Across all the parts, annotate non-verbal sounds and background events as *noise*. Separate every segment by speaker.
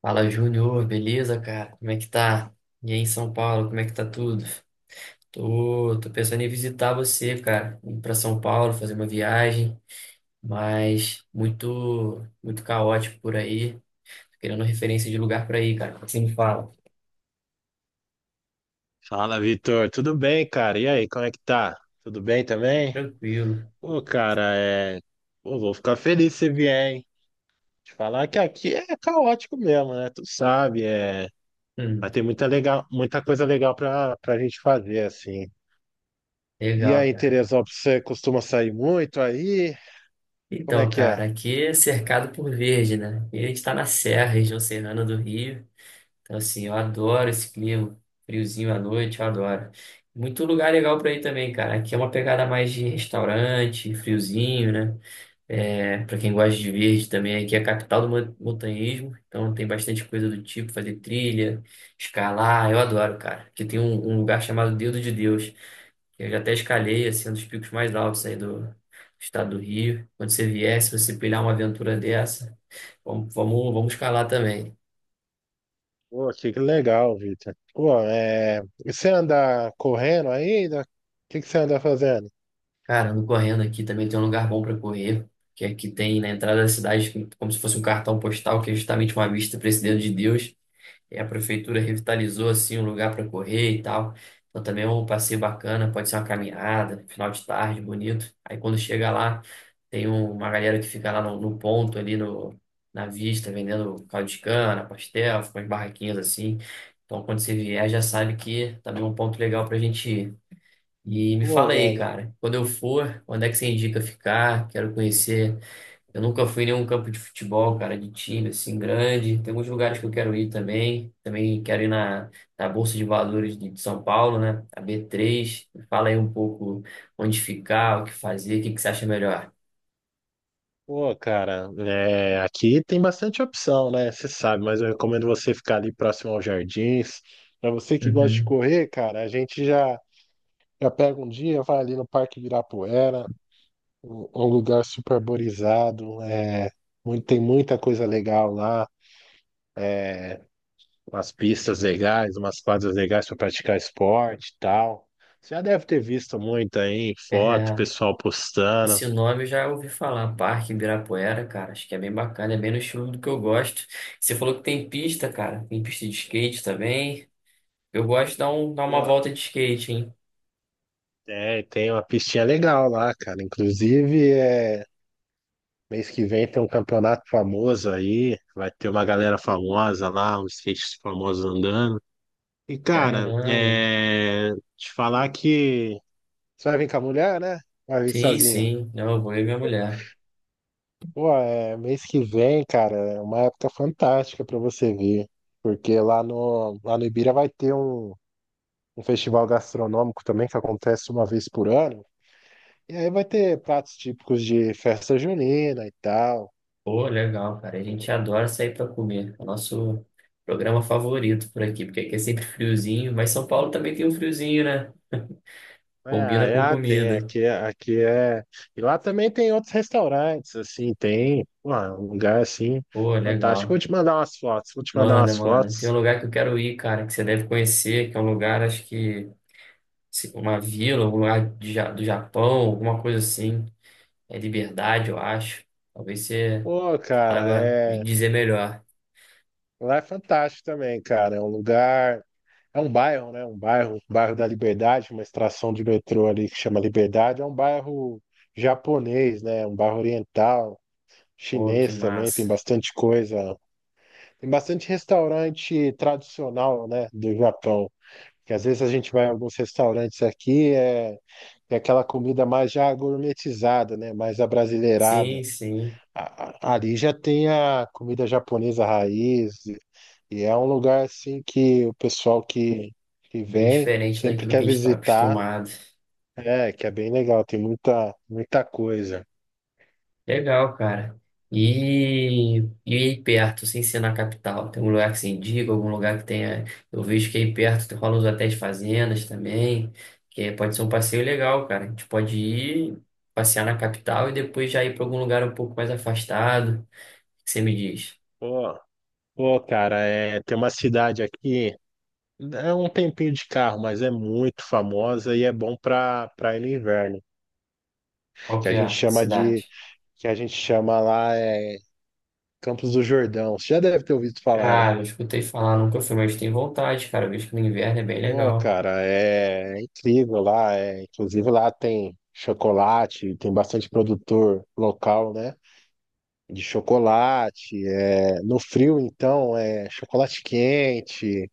Speaker 1: Fala, Júnior, beleza, cara? Como é que tá? E aí, em São Paulo, como é que tá tudo? Tô pensando em visitar você, cara, ir pra São Paulo, fazer uma viagem, mas muito, muito caótico por aí. Tô querendo referência de lugar pra ir, cara. O que você me fala.
Speaker 2: Fala, Vitor. Tudo bem, cara? E aí, como é que tá? Tudo bem também?
Speaker 1: Tranquilo.
Speaker 2: Pô, cara, é. Pô, vou ficar feliz se você vier, hein? Te falar que aqui é caótico mesmo, né? Tu sabe, é.
Speaker 1: Hum,
Speaker 2: Vai ter muita legal, muita coisa legal pra gente fazer, assim. E
Speaker 1: legal,
Speaker 2: aí,
Speaker 1: cara.
Speaker 2: Teresópolis, você costuma sair muito aí? Como é
Speaker 1: Então,
Speaker 2: que
Speaker 1: cara,
Speaker 2: é?
Speaker 1: aqui é cercado por verde, né? E a gente tá na Serra, região serrana do Rio. Então, assim, eu adoro esse clima, friozinho à noite, eu adoro. Muito lugar legal para ir também, cara. Aqui é uma pegada mais de restaurante, friozinho, né? É, para quem gosta de verde também, aqui é a capital do montanhismo, então tem bastante coisa do tipo, fazer trilha, escalar, eu adoro, cara. Aqui tem um lugar chamado Dedo de Deus, que eu já até escalei, assim, um dos picos mais altos aí do estado do Rio. Quando você vier, se você pilhar uma aventura dessa, vamos, vamos, vamos escalar também.
Speaker 2: Pô, que legal, Vitor. Pô, é. E você anda correndo ainda? O que que você anda fazendo?
Speaker 1: Cara, ando correndo aqui também tem um lugar bom para correr, que aqui tem na entrada da cidade, como se fosse um cartão postal, que é justamente uma vista para esse Dedo de Deus. E a prefeitura revitalizou assim um lugar para correr e tal. Então também é um passeio bacana, pode ser uma caminhada, final de tarde, bonito. Aí quando chega lá, tem uma galera que fica lá no, no ponto ali no, na vista, vendendo caldo de cana, pastel, umas barraquinhas assim. Então quando você vier, já sabe que também é um ponto legal para a gente ir. E me
Speaker 2: Pô,
Speaker 1: fala aí,
Speaker 2: velho.
Speaker 1: cara, quando eu for, onde é que você indica ficar? Quero conhecer. Eu nunca fui em nenhum campo de futebol, cara, de time assim grande. Tem alguns lugares que eu quero ir também. Também quero ir na Bolsa de Valores de São Paulo, né? A B3. Me fala aí um pouco onde ficar, o que fazer, o que que você acha melhor.
Speaker 2: Pô, cara, é, aqui tem bastante opção, né? Você sabe, mas eu recomendo você ficar ali próximo aos jardins. Para você que gosta de
Speaker 1: Uhum.
Speaker 2: correr, cara, já pega um dia, vai ali no Parque Ibirapuera, um lugar super arborizado, é, tem muita coisa legal lá, umas pistas legais, umas quadras legais para praticar esporte e tal. Você já deve ter visto muito aí, foto,
Speaker 1: É,
Speaker 2: pessoal postando.
Speaker 1: esse nome eu já ouvi falar, Parque Ibirapuera, cara. Acho que é bem bacana, é bem no estilo do que eu gosto. Você falou que tem pista, cara. Tem pista de skate também. Eu gosto de dar, dar uma
Speaker 2: Pô,
Speaker 1: volta de skate, hein?
Speaker 2: é, tem uma pistinha legal lá, cara. Inclusive, é. Mês que vem tem um campeonato famoso aí, vai ter uma galera famosa lá, uns skates famosos andando. E, cara,
Speaker 1: Caramba.
Speaker 2: é... te falar que você vai vir com a mulher, né? Vai vir
Speaker 1: Sim,
Speaker 2: sozinha.
Speaker 1: sim. Não, eu vou e minha mulher.
Speaker 2: Pô, é... mês que vem, cara, é uma época fantástica pra você vir, porque lá no Ibira vai ter um... um festival gastronômico também que acontece uma vez por ano. E aí vai ter pratos típicos de festa junina e tal.
Speaker 1: Pô, legal, cara. A gente adora sair pra comer. É o nosso programa favorito por aqui, porque aqui é sempre friozinho, mas São Paulo também tem um friozinho, né?
Speaker 2: É,
Speaker 1: Combina
Speaker 2: é,
Speaker 1: com
Speaker 2: ah, tem,
Speaker 1: comida.
Speaker 2: aqui, aqui é. E lá também tem outros restaurantes, assim, tem, pô, um lugar assim,
Speaker 1: Pô,
Speaker 2: fantástico. Vou
Speaker 1: legal.
Speaker 2: te mandar umas fotos, vou te mandar
Speaker 1: Manda,
Speaker 2: umas
Speaker 1: manda. Tem um
Speaker 2: fotos.
Speaker 1: lugar que eu quero ir, cara, que você deve conhecer, que é um lugar, acho que uma vila, um lugar de do Japão, alguma coisa assim. É Liberdade, eu acho. Talvez você
Speaker 2: Pô, cara,
Speaker 1: saiba me
Speaker 2: é.
Speaker 1: dizer melhor.
Speaker 2: Lá é fantástico também, cara. É um lugar. É um bairro, né? Um bairro da Liberdade, uma estação de metrô ali que chama Liberdade. É um bairro japonês, né? Um bairro oriental,
Speaker 1: Pô, que
Speaker 2: chinês também, tem
Speaker 1: massa.
Speaker 2: bastante coisa. Tem bastante restaurante tradicional, né? Do Japão. Que às vezes a gente vai em alguns restaurantes aqui, é, é aquela comida mais já gourmetizada, né? Mais abrasileirada.
Speaker 1: Sim, sim.
Speaker 2: Ali já tem a comida japonesa raiz, e é um lugar assim que
Speaker 1: Bem
Speaker 2: vem
Speaker 1: diferente
Speaker 2: sempre
Speaker 1: daquilo que
Speaker 2: quer
Speaker 1: a gente está
Speaker 2: visitar,
Speaker 1: acostumado.
Speaker 2: é, que é bem legal, tem muita, muita coisa.
Speaker 1: Legal, cara. E, e aí perto, sem ser na capital, tem um lugar que se indica, algum lugar que tenha. Eu vejo que aí perto rola uns hotéis fazendas também, pode ser um passeio legal, cara. A gente pode ir passear na capital e depois já ir para algum lugar um pouco mais afastado. O que você me diz?
Speaker 2: Pô, pô, cara, é, tem uma cidade aqui, é um tempinho de carro, mas é muito famosa e é bom para ir no inverno,
Speaker 1: Qual
Speaker 2: que
Speaker 1: que
Speaker 2: a
Speaker 1: é
Speaker 2: gente
Speaker 1: a
Speaker 2: chama de
Speaker 1: cidade?
Speaker 2: que a gente chama lá é Campos do Jordão. Você já deve ter ouvido falar, né?
Speaker 1: Cara, eu escutei falar, nunca fui, mas tenho vontade, cara. Eu vejo que no inverno é bem
Speaker 2: Pô,
Speaker 1: legal.
Speaker 2: cara, é, é incrível lá. É, inclusive lá tem chocolate, tem bastante produtor local, né? De chocolate. É, no frio, então, é chocolate quente.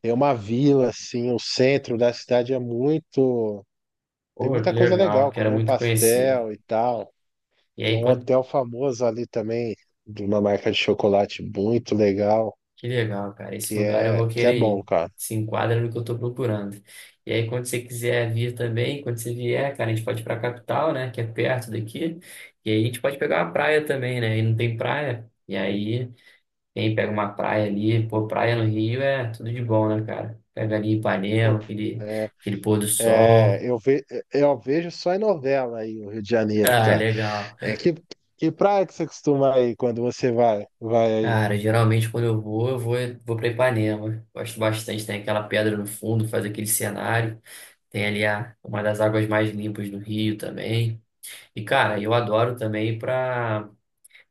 Speaker 2: Tem uma vila, assim, o centro da cidade é muito. Tem
Speaker 1: Pô, que
Speaker 2: muita coisa
Speaker 1: legal,
Speaker 2: legal,
Speaker 1: quero
Speaker 2: comer um
Speaker 1: muito conhecer.
Speaker 2: pastel e tal.
Speaker 1: E
Speaker 2: Tem
Speaker 1: aí,
Speaker 2: um
Speaker 1: quando...
Speaker 2: hotel famoso ali também, de uma marca de chocolate muito legal.
Speaker 1: Que legal, cara, esse lugar eu vou
Speaker 2: Que é
Speaker 1: querer
Speaker 2: bom,
Speaker 1: ir.
Speaker 2: cara.
Speaker 1: Se enquadra no que eu tô procurando. E aí, quando você quiser vir também, quando você vier, cara, a gente pode ir pra capital, né, que é perto daqui. E aí, a gente pode pegar uma praia também, né, e não tem praia. E aí, quem pega uma praia ali, pô, praia no Rio é tudo de bom, né, cara? Pega ali
Speaker 2: Pô,
Speaker 1: Ipanema, aquele,
Speaker 2: é,
Speaker 1: aquele pôr do sol. *laughs*
Speaker 2: é, eu, ve, eu vejo só em novela aí o Rio de Janeiro,
Speaker 1: Ah,
Speaker 2: cara.
Speaker 1: legal.
Speaker 2: É que, que praia que você costuma aí quando vai aí?
Speaker 1: Cara, geralmente quando eu vou, vou pra Ipanema. Gosto bastante, tem aquela pedra no fundo, faz aquele cenário. Tem ali a, uma das águas mais limpas do Rio também. E, cara, eu adoro também ir para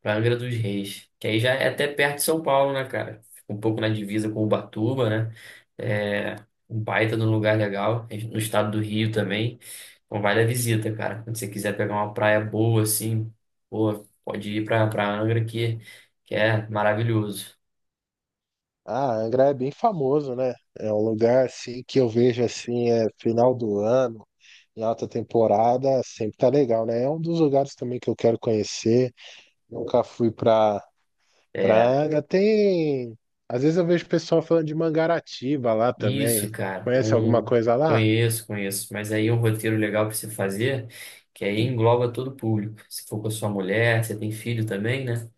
Speaker 1: pra Angra dos Reis, que aí já é até perto de São Paulo, né, cara? Fica um pouco na divisa com Ubatuba, né? É um baita de um lugar legal, no estado do Rio também. Então vale a visita, cara. Quando você quiser pegar uma praia boa, assim, pô, pode ir para Angra que é maravilhoso.
Speaker 2: Ah, Angra é bem famoso, né? É um lugar assim que eu vejo assim, é final do ano, em alta temporada, sempre tá legal, né? É um dos lugares também que eu quero conhecer. Nunca fui pra, pra
Speaker 1: É,
Speaker 2: Angra. Tem. Às vezes eu vejo o pessoal falando de Mangaratiba lá também.
Speaker 1: isso, cara.
Speaker 2: Conhece alguma
Speaker 1: Um,
Speaker 2: coisa lá?
Speaker 1: conheço, conheço. Mas aí é um roteiro legal para você fazer, que aí engloba todo o público. Se for com a sua mulher, você tem filho também, né?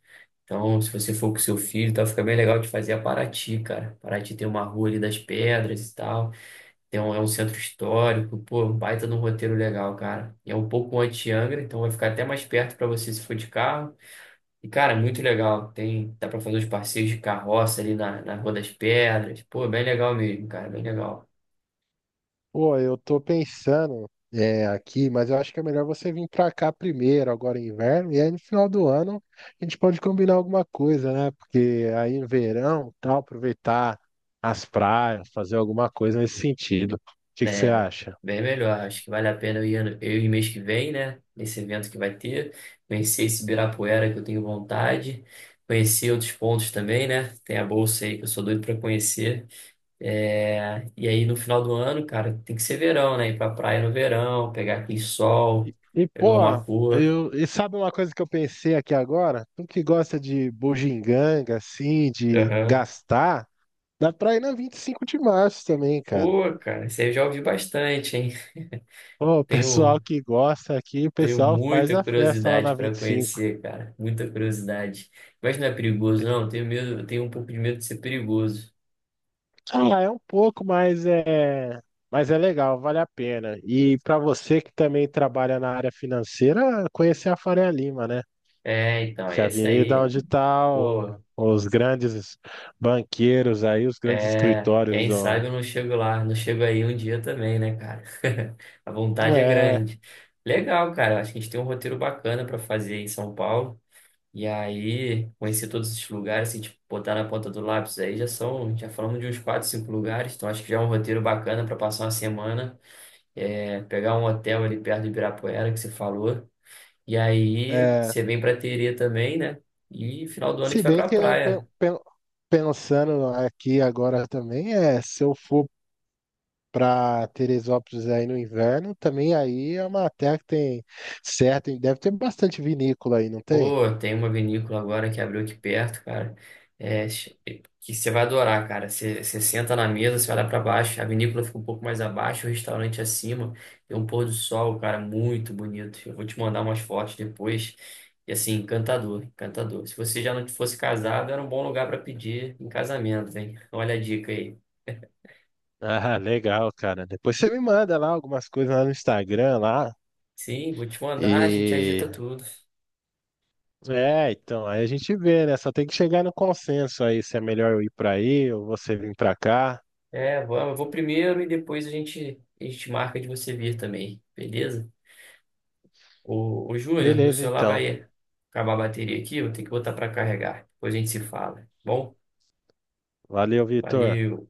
Speaker 1: Então, se você for com seu filho, tá, fica bem legal de fazer a Paraty, cara. Paraty tem uma rua ali das pedras e tal. Tem um, é um centro histórico. Pô, um baita de um roteiro legal, cara. E é um pouco anti-Angra, então vai ficar até mais perto para você se for de carro. E, cara, é muito legal. Tem, dá pra fazer os passeios de carroça ali na Rua das Pedras. Pô, bem legal mesmo, cara, bem legal.
Speaker 2: Pô, eu tô pensando é, aqui, mas eu acho que é melhor você vir pra cá primeiro, agora em inverno, e aí no final do ano a gente pode combinar alguma coisa, né? Porque aí no verão, tal, aproveitar as praias, fazer alguma coisa nesse sentido. O que que você
Speaker 1: É,
Speaker 2: acha?
Speaker 1: bem melhor. Acho que vale a pena eu ir, eu ir mês que vem, né? Nesse evento que vai ter. Conhecer esse Ibirapuera que eu tenho vontade. Conhecer outros pontos também, né? Tem a Bolsa aí que eu sou doido pra conhecer. É, e aí, no final do ano, cara, tem que ser verão, né? Ir pra praia no verão, pegar aquele sol,
Speaker 2: E,
Speaker 1: pegar
Speaker 2: pô,
Speaker 1: uma cor.
Speaker 2: e sabe uma coisa que eu pensei aqui agora? Tu que gosta de bugiganga, assim, de
Speaker 1: Aham.
Speaker 2: gastar, dá pra ir na 25 de março também, cara.
Speaker 1: Pô, cara, você já ouviu bastante, hein?
Speaker 2: Pô, o
Speaker 1: Tenho,
Speaker 2: pessoal que gosta aqui, o
Speaker 1: tenho
Speaker 2: pessoal faz
Speaker 1: muita
Speaker 2: a festa lá
Speaker 1: curiosidade
Speaker 2: na
Speaker 1: para
Speaker 2: 25.
Speaker 1: conhecer, cara. Muita curiosidade. Mas não é perigoso, não. Tenho medo, eu tenho um pouco de medo de ser perigoso.
Speaker 2: Ah, é um pouco, mas é legal, vale a pena. E para você que também trabalha na área financeira, conhecer a Faria Lima, né?
Speaker 1: É, então,
Speaker 2: Que é a
Speaker 1: esse
Speaker 2: avenida
Speaker 1: aí,
Speaker 2: onde
Speaker 1: pô,
Speaker 2: os grandes banqueiros aí, os grandes
Speaker 1: é,
Speaker 2: escritórios
Speaker 1: quem sabe
Speaker 2: do...
Speaker 1: eu não chego lá, não chego aí um dia também, né, cara? *laughs* A vontade é
Speaker 2: É,
Speaker 1: grande. Legal, cara. Acho que a gente tem um roteiro bacana para fazer em São Paulo. E aí, conhecer todos esses lugares, assim, tipo, botar na ponta do lápis aí, já são, já falamos de uns quatro, cinco lugares, então acho que já é um roteiro bacana para passar uma semana. É, pegar um hotel ali perto de Ibirapuera, que você falou. E aí
Speaker 2: é.
Speaker 1: você vem pra Terê também, né? E final do ano a
Speaker 2: Se
Speaker 1: gente vai
Speaker 2: bem
Speaker 1: pra
Speaker 2: que
Speaker 1: praia.
Speaker 2: pensando aqui agora também, é, se eu for para Teresópolis aí no inverno, também aí é uma terra que tem certo, deve ter bastante vinícola aí, não tem?
Speaker 1: Pô, tem uma vinícola agora que abriu aqui perto, cara. É, que você vai adorar, cara. Você, você senta na mesa, você olha pra baixo, a vinícola fica um pouco mais abaixo, o restaurante acima. Tem um pôr do sol, cara, muito bonito. Eu vou te mandar umas fotos depois. E assim, encantador, encantador. Se você já não fosse casado, era um bom lugar pra pedir em casamento, hein? Olha a dica aí.
Speaker 2: Ah, legal, cara. Depois você me manda lá algumas coisas lá no Instagram lá.
Speaker 1: Sim, vou te mandar, a gente
Speaker 2: E
Speaker 1: agita tudo.
Speaker 2: é, então, aí a gente vê, né? Só tem que chegar no consenso aí se é melhor eu ir pra aí ou você vir pra cá.
Speaker 1: É, vamos, eu vou primeiro e depois a gente marca de você vir também, beleza? Ô, Júnior, meu
Speaker 2: Beleza,
Speaker 1: celular
Speaker 2: então.
Speaker 1: vai acabar a bateria aqui, vou ter que botar para carregar. Depois a gente se fala, tá bom?
Speaker 2: Valeu, Vitor.
Speaker 1: Valeu.